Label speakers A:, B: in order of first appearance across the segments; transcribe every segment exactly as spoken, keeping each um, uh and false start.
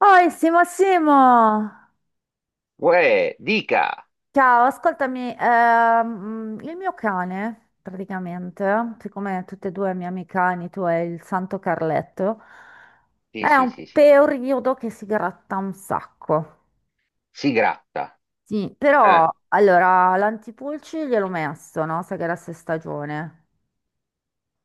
A: Oi, Simo, Simo!
B: Uè, dica!
A: Ciao, ascoltami, ehm, mm, il mio cane, praticamente, siccome tutte e due i miei amici cani, tu e il Santo Carletto,
B: Sì,
A: è
B: sì,
A: un
B: sì, sì.
A: periodo che si gratta un sacco.
B: Si gratta.
A: Sì, però,
B: Eh.
A: allora, l'antipulci gliel'ho messo, no? Sai che era se stagione.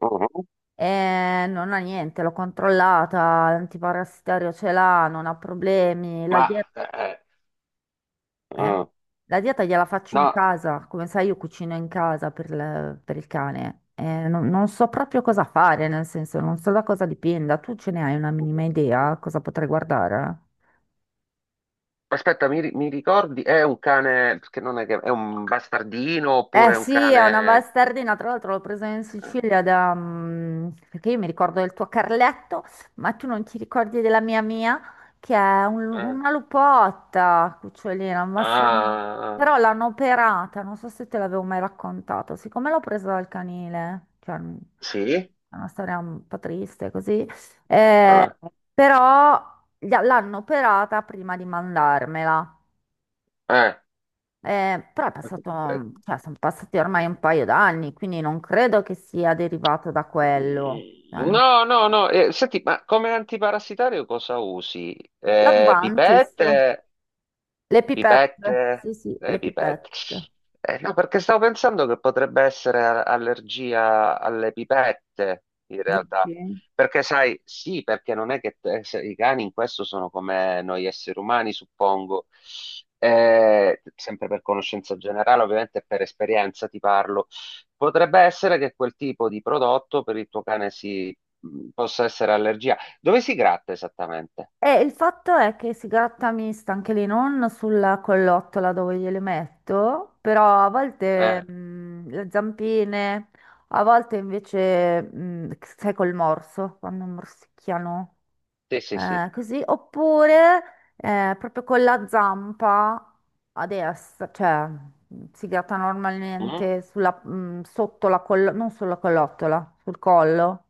B: Mhm.
A: E non ha niente, l'ho controllata, l'antiparassitario ce l'ha, non ha problemi, la dieta.
B: Ma, eh, eh,
A: Eh?
B: Mm.
A: La dieta gliela faccio in
B: No,
A: casa, come sai io cucino in casa per, il per il cane. Eh, non, non so proprio cosa fare, nel senso non so da cosa dipenda. Tu ce ne hai una minima idea cosa potrei guardare?
B: aspetta, mi, ri- mi ricordi? È un cane, che non è che è un bastardino
A: Eh
B: oppure è un
A: sì, è una
B: cane.
A: bastardina, tra l'altro l'ho presa in
B: eh,
A: Sicilia da mm, perché io mi ricordo del tuo Carletto, ma tu non ti ricordi della mia Mia, che è un- una
B: eh.
A: lupotta, cucciolina, una bastardina.
B: Ah,
A: Però l'hanno operata, non so se te l'avevo mai raccontato, siccome l'ho presa dal canile, cioè mm,
B: sì?
A: è una storia un po' triste così, eh,
B: Ah,
A: però gli- l'hanno operata prima di mandarmela.
B: eh.
A: Eh, però è passato, cioè, sono passati ormai un paio d'anni, quindi non credo che sia derivato da quello. Cioè, n-
B: No, no, no. Eh, senti, ma come antiparassitario cosa usi? Eh,
A: L'Advantis,
B: pipette?
A: le pipette, sì,
B: Pipette,
A: sì,
B: le
A: le
B: pipette.
A: pipette.
B: Eh, no, perché stavo pensando che potrebbe essere a- allergia alle pipette, in realtà.
A: Dici?
B: Perché sai, sì, perché non è che te- se- i cani in questo sono come noi esseri umani, suppongo. Eh, sempre per conoscenza generale, ovviamente e per esperienza ti parlo. Potrebbe essere che quel tipo di prodotto per il tuo cane si mh, possa essere allergia. Dove si gratta esattamente?
A: E il fatto è che si gratta mista anche lì, non sulla collottola dove gliele metto, però a volte
B: Eh,
A: mh, le zampine, a volte invece, mh, sai, col morso, quando morsicchiano.
B: sì, sì, sì.
A: eh, così, oppure eh, proprio con la zampa a destra, cioè mm, si gratta
B: Mm?
A: normalmente sulla- mm, sotto la collo, non sulla collottola, sul collo.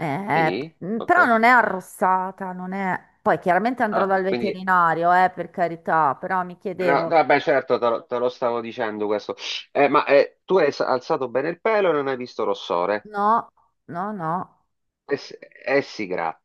A: Eh,
B: Sì,
A: mm,
B: ok.
A: Però non è arrossata, non è... Poi chiaramente andrò
B: Ah,
A: dal
B: quindi.
A: veterinario, eh, per carità, però mi
B: No, no,
A: chiedevo,
B: vabbè, certo, te lo, te lo stavo dicendo questo. Eh, ma eh, tu hai s- alzato bene il pelo e non hai visto rossore?
A: no, no, no.
B: E, s- e si gratta.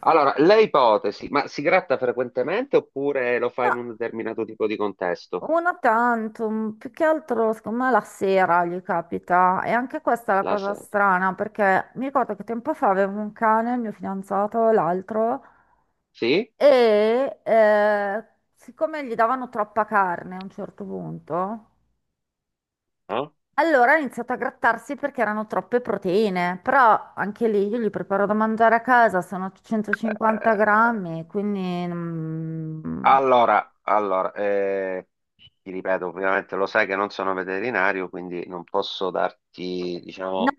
B: Allora, le ipotesi, ma si gratta frequentemente oppure lo fa
A: No,
B: in un determinato tipo di contesto?
A: una tantum, più che altro, secondo me la sera gli capita. E anche questa è la
B: La
A: cosa
B: sera.
A: strana, perché mi ricordo che tempo fa avevo un cane, il mio fidanzato, l'altro,
B: Sì?
A: e eh, siccome gli davano troppa carne a un certo punto,
B: No?
A: allora ha iniziato a grattarsi perché erano troppe proteine. Però anche lì io gli preparo da mangiare a casa, sono centocinquanta
B: Eh,
A: grammi, quindi... mm,
B: Allora, allora, eh, ti ripeto, ovviamente lo sai che non sono veterinario, quindi non posso darti,
A: No,
B: diciamo,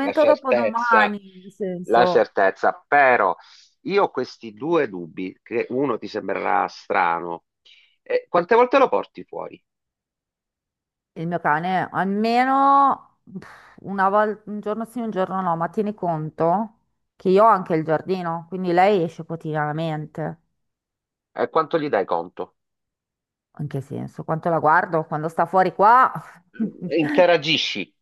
B: la
A: dopo
B: certezza,
A: domani, nel
B: la
A: senso...
B: certezza, però io ho questi due dubbi, che uno ti sembrerà strano. Eh, quante volte lo porti fuori?
A: Il mio cane almeno pff, una volta, un giorno sì, un giorno no, ma tieni conto che io ho anche il giardino, quindi lei esce quotidianamente.
B: E quanto gli dai conto?
A: In che senso? Quanto la guardo? Quando sta fuori qua?
B: Interagisci?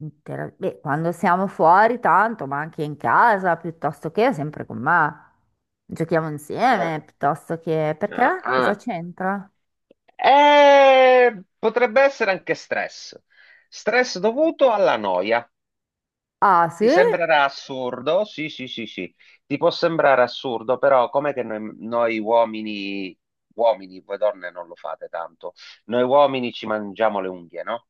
A: Intera- Beh, quando siamo fuori tanto, ma anche in casa, piuttosto che sempre con me. Giochiamo
B: Ah,
A: insieme, piuttosto che...
B: ah,
A: Perché? Cosa
B: ah.
A: c'entra?
B: Eh, potrebbe essere anche stress. Stress dovuto alla noia.
A: Ah,
B: Ti
A: sì?
B: sembrerà assurdo? Sì, sì, sì, sì. Ti può sembrare assurdo, però com'è che noi, noi uomini, uomini, voi donne non lo fate tanto, noi uomini ci mangiamo le unghie, no?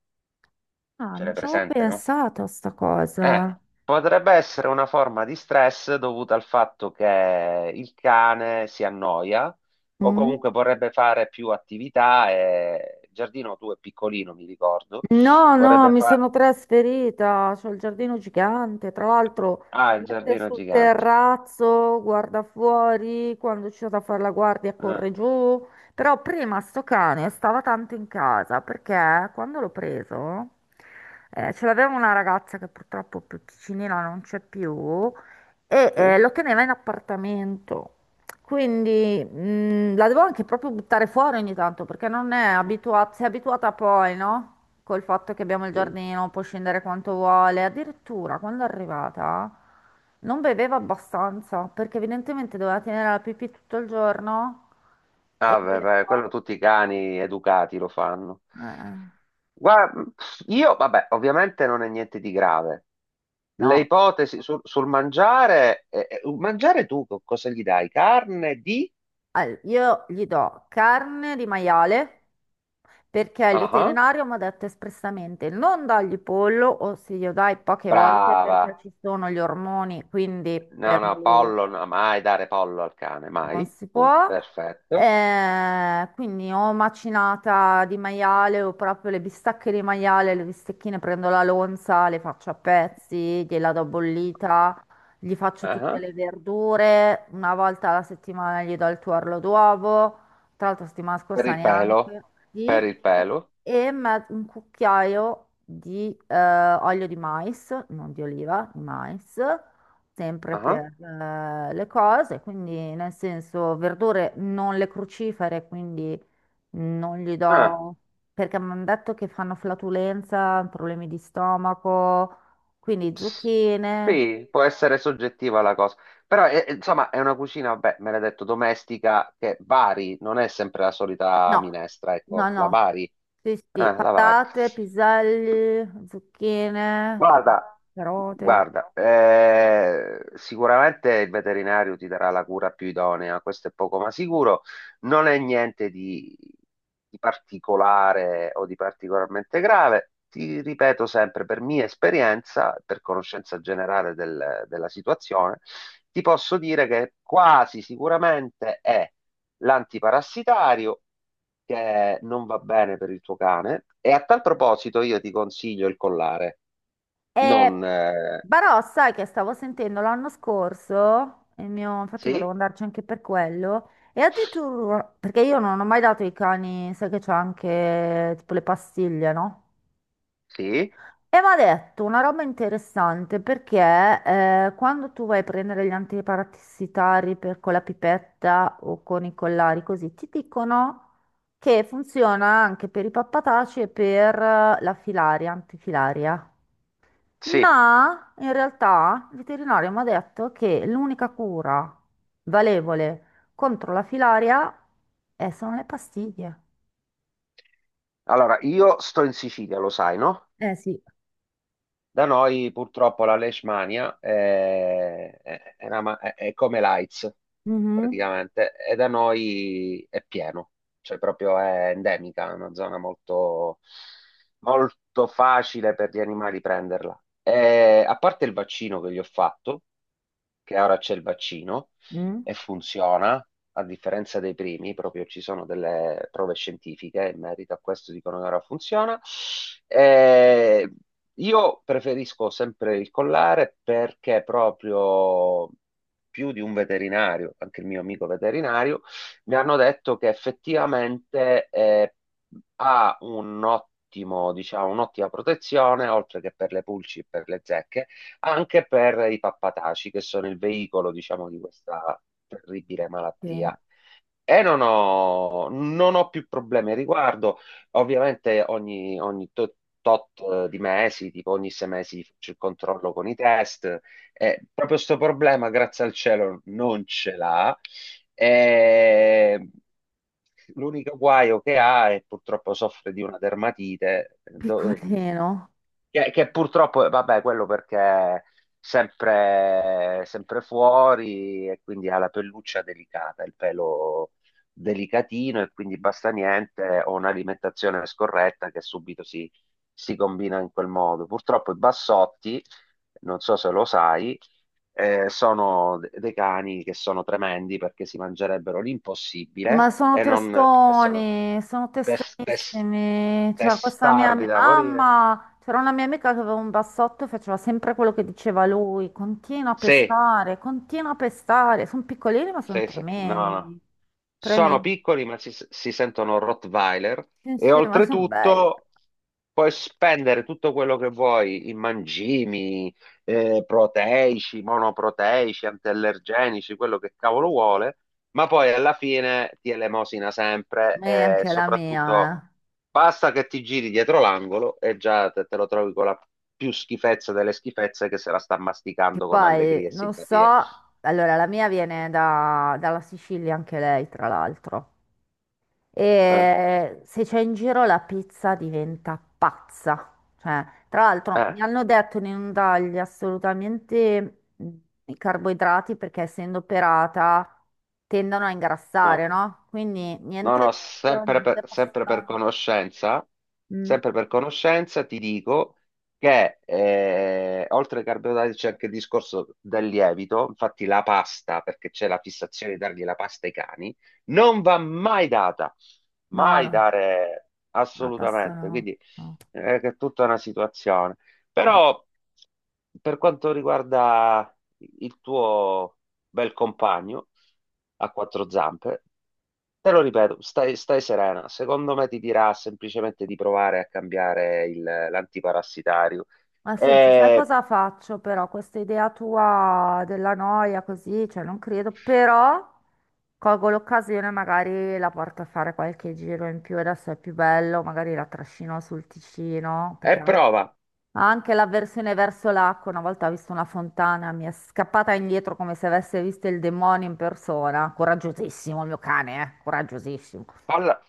A: Ah,
B: Ce l'hai
A: non ci avevo
B: presente, no?
A: pensato a sta
B: Eh,
A: cosa.
B: Potrebbe essere una forma di stress dovuta al fatto che il cane si annoia o
A: Mm?
B: comunque vorrebbe fare più attività, e il giardino tu è piccolino, mi ricordo.
A: No, no,
B: Vorrebbe
A: mi
B: fare.
A: sono trasferita, c'ho il giardino gigante, tra l'altro
B: Ah,
A: si
B: il
A: mette
B: giardino è
A: sul
B: gigante.
A: terrazzo, guarda fuori, quando c'è da fare la guardia
B: Eh,
A: corre giù, però prima sto cane stava tanto in casa perché quando l'ho preso eh, ce l'aveva una ragazza che purtroppo più piccinina non c'è più e
B: sì.
A: eh, lo teneva in appartamento. Quindi mh, la devo anche proprio buttare fuori ogni tanto perché non è abituata, si è abituata poi, no? Col fatto che abbiamo il
B: Sì.
A: giardino, può scendere quanto vuole. Addirittura quando è arrivata non beveva abbastanza perché evidentemente doveva tenere la pipì tutto il giorno e
B: Ah, beh,
A: beve
B: beh,
A: poco.
B: quello tutti i cani educati lo fanno.
A: Eh,
B: Guarda, io, vabbè, ovviamente non è niente di grave. Le
A: no.
B: ipotesi sul, sul mangiare, eh, eh, mangiare tu co- cosa gli dai? Carne di?
A: Al- Io gli do carne di maiale perché il
B: Ah, ah.
A: veterinario mi ha detto espressamente non dargli pollo o se glielo dai poche volte
B: Brava.
A: perché ci sono gli ormoni, quindi
B: No,
A: per
B: no,
A: lui
B: pollo, no, mai dare pollo al cane, mai.
A: non si
B: Punto,
A: può.
B: perfetto.
A: Eh, quindi o macinata di maiale o proprio le bistecche di maiale, le bistecchine prendo la lonza, le faccio a pezzi, gliela do bollita, gli faccio
B: Ah,
A: tutte
B: ah.
A: le verdure, una volta alla settimana gli do il tuorlo d'uovo, tra l'altro settimana
B: Per
A: scorsa
B: il pelo,
A: neanche,
B: per
A: sì,
B: il pelo.
A: e me- un cucchiaio di eh, olio di mais, non di oliva, di mais
B: Ah,
A: sempre
B: ah.
A: per eh, le cose, quindi nel senso verdure non le crucifere, quindi non gli
B: Ah.
A: do perché mi hanno detto che fanno flatulenza, problemi di stomaco, quindi zucchine,
B: Sì, può essere soggettiva la cosa, però è- è- insomma è una cucina, beh, me l'hai detto, domestica che vari, non è sempre la solita
A: no,
B: minestra, ecco,
A: no,
B: la
A: no,
B: vari, eh,
A: sì, sì,
B: la vari.
A: patate, piselli, zucchine, eh,
B: Guarda,
A: carote.
B: guarda, eh, sicuramente il veterinario ti darà la cura più idonea, questo è poco ma sicuro, non è niente di, di particolare o di particolarmente grave. Ti ripeto sempre, per mia esperienza, per conoscenza generale del- della situazione, ti posso dire che quasi sicuramente è l'antiparassitario che non va bene per il tuo cane. E a tal proposito io ti consiglio il collare.
A: E
B: Non... eh,
A: Barò, sai che stavo sentendo l'anno scorso, il mio, infatti volevo
B: Sì?
A: andarci anche per quello, e addirittura, perché io non ho mai dato i cani, sai che c'ho anche tipo le pastiglie, no?
B: Sì?
A: E mi ha detto una roba interessante perché eh, quando tu vai a prendere gli antiparassitari per- con la pipetta o con i collari così, ti dicono che funziona anche per i pappataci e per eh, la filaria, antifilaria.
B: Sì.
A: No, in realtà il veterinario mi ha detto che l'unica cura valevole contro la filaria è- sono le pastiglie.
B: Allora, io sto in Sicilia, lo sai, no?
A: Eh sì,
B: Da noi purtroppo la Leishmania è, è- è una ma- è- è come l'AIDS
A: mhm.
B: praticamente e da noi è pieno, cioè proprio è endemica, è una zona molto, molto facile per gli animali prenderla. E, a parte il vaccino che gli ho fatto, che ora c'è il vaccino
A: Mm.
B: e funziona, a differenza dei primi, proprio ci sono delle prove scientifiche in merito a questo, dicono che ora funziona. Eh, io preferisco sempre il collare perché proprio più di un veterinario, anche il mio amico veterinario, mi hanno detto che effettivamente eh, ha un ottimo, diciamo, un'ottima protezione, oltre che per le pulci e per le zecche, anche per i pappataci, che sono il veicolo, diciamo, di questa terribile
A: Che
B: malattia. E non ho, non ho più problemi al riguardo. Ovviamente ogni, ogni to- tot eh, di mesi, tipo ogni sei mesi faccio il controllo con i test. E proprio questo problema, grazie al cielo, non ce l'ha. E L'unico guaio che ha è purtroppo soffre di una dermatite, do-
A: piccolino.
B: che, che purtroppo, eh, vabbè, quello perché è sempre, sempre fuori e quindi ha la pelluccia delicata, il pelo delicatino e quindi basta niente o un'alimentazione scorretta che subito si, si combina in quel modo. Purtroppo i bassotti, non so se lo sai, eh, sono de- dei cani che sono tremendi perché si mangerebbero
A: Ma
B: l'impossibile
A: sono
B: e non e sono
A: testoni, sono
B: tes- tes-
A: testonissimi. Cioè, questa mia
B: testardi
A: mia
B: da morire.
A: mamma, c'era una mia amica che aveva un bassotto e faceva sempre quello che diceva lui. Continua a
B: Sì,
A: pestare, continua a pestare. Sono piccolini, ma sono
B: sì, sì, no, no.
A: tremendi.
B: Sono
A: Tremendi.
B: piccoli, ma si, si sentono Rottweiler
A: Sì,
B: e
A: sì, ma sono belli.
B: oltretutto puoi spendere tutto quello che vuoi in mangimi, eh, proteici, monoproteici, antiallergenici, quello che cavolo vuole, ma poi alla fine ti elemosina sempre
A: E
B: e
A: anche la mia,
B: soprattutto
A: eh.
B: basta che ti giri dietro l'angolo e già te, te lo trovi con la più schifezza delle schifezze che se la sta
A: Che
B: masticando con
A: poi
B: allegria e
A: non so,
B: simpatia.
A: allora la mia viene da- dalla Sicilia anche lei, tra l'altro.
B: Eh,
A: E se c'è in giro la pizza diventa pazza. Cioè, tra l'altro
B: eh,
A: mi hanno detto di non dargli assolutamente mh, i carboidrati perché essendo operata tendono a
B: no.
A: ingrassare, no? Quindi
B: No,
A: niente
B: no,
A: riso,
B: sempre per,
A: niente
B: sempre per
A: pasta.
B: conoscenza,
A: Mm.
B: sempre per conoscenza ti dico che eh, oltre ai carboidrati c'è anche il discorso del lievito, infatti la pasta, perché c'è la fissazione di dargli la pasta ai cani, non va mai data,
A: No,
B: mai
A: no,
B: dare
A: la pasta
B: assolutamente,
A: no.
B: quindi
A: No.
B: eh, che è tutta una situazione.
A: Eh.
B: Però per quanto riguarda il tuo bel compagno a quattro zampe, te lo ripeto, stai, stai serena. Secondo me ti dirà semplicemente di provare a cambiare il- l'antiparassitario.
A: Ma senti, sai
B: E,
A: cosa faccio però? Questa idea tua della noia così, cioè non credo, però colgo l'occasione, magari la porto a fare qualche giro in più, adesso è più bello, magari la trascino sul Ticino,
B: e
A: perché ha
B: prova,
A: ha anche l'avversione verso l'acqua, una volta ho visto una fontana, mi è scappata indietro come se avesse visto il demonio in persona, coraggiosissimo il mio cane, eh? Coraggiosissimo.
B: falla,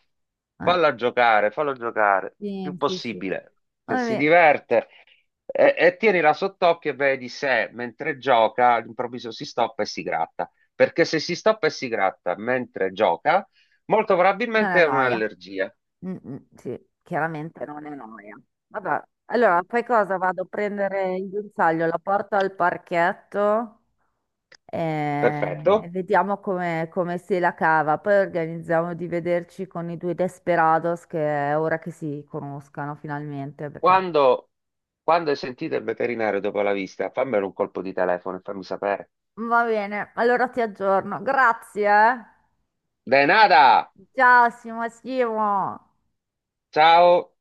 A: Eh,
B: falla giocare, fallo giocare, più
A: sì, sì, sì.
B: possibile. Se si
A: Vabbè,
B: diverte, e, e tienila sott'occhio e vedi se mentre gioca all'improvviso si stoppa e si gratta. Perché se si stoppa e si gratta mentre gioca, molto
A: non è
B: probabilmente è
A: noia.
B: un'allergia.
A: Mm, mm, sì, chiaramente non è noia. Vabbè, allora fai cosa? Vado a prendere il guinzaglio, la porto al parchetto e, e
B: Perfetto.
A: vediamo come, come si la cava. Poi organizziamo di vederci con i due desperados che è ora che si conoscano finalmente. Perché...
B: Quando, quando hai sentito il veterinario dopo la visita, fammelo un colpo di telefono e fammi sapere.
A: Va bene, allora ti aggiorno. Grazie. eh.
B: De nada!
A: Ciao, Simo, Simo.
B: Ciao!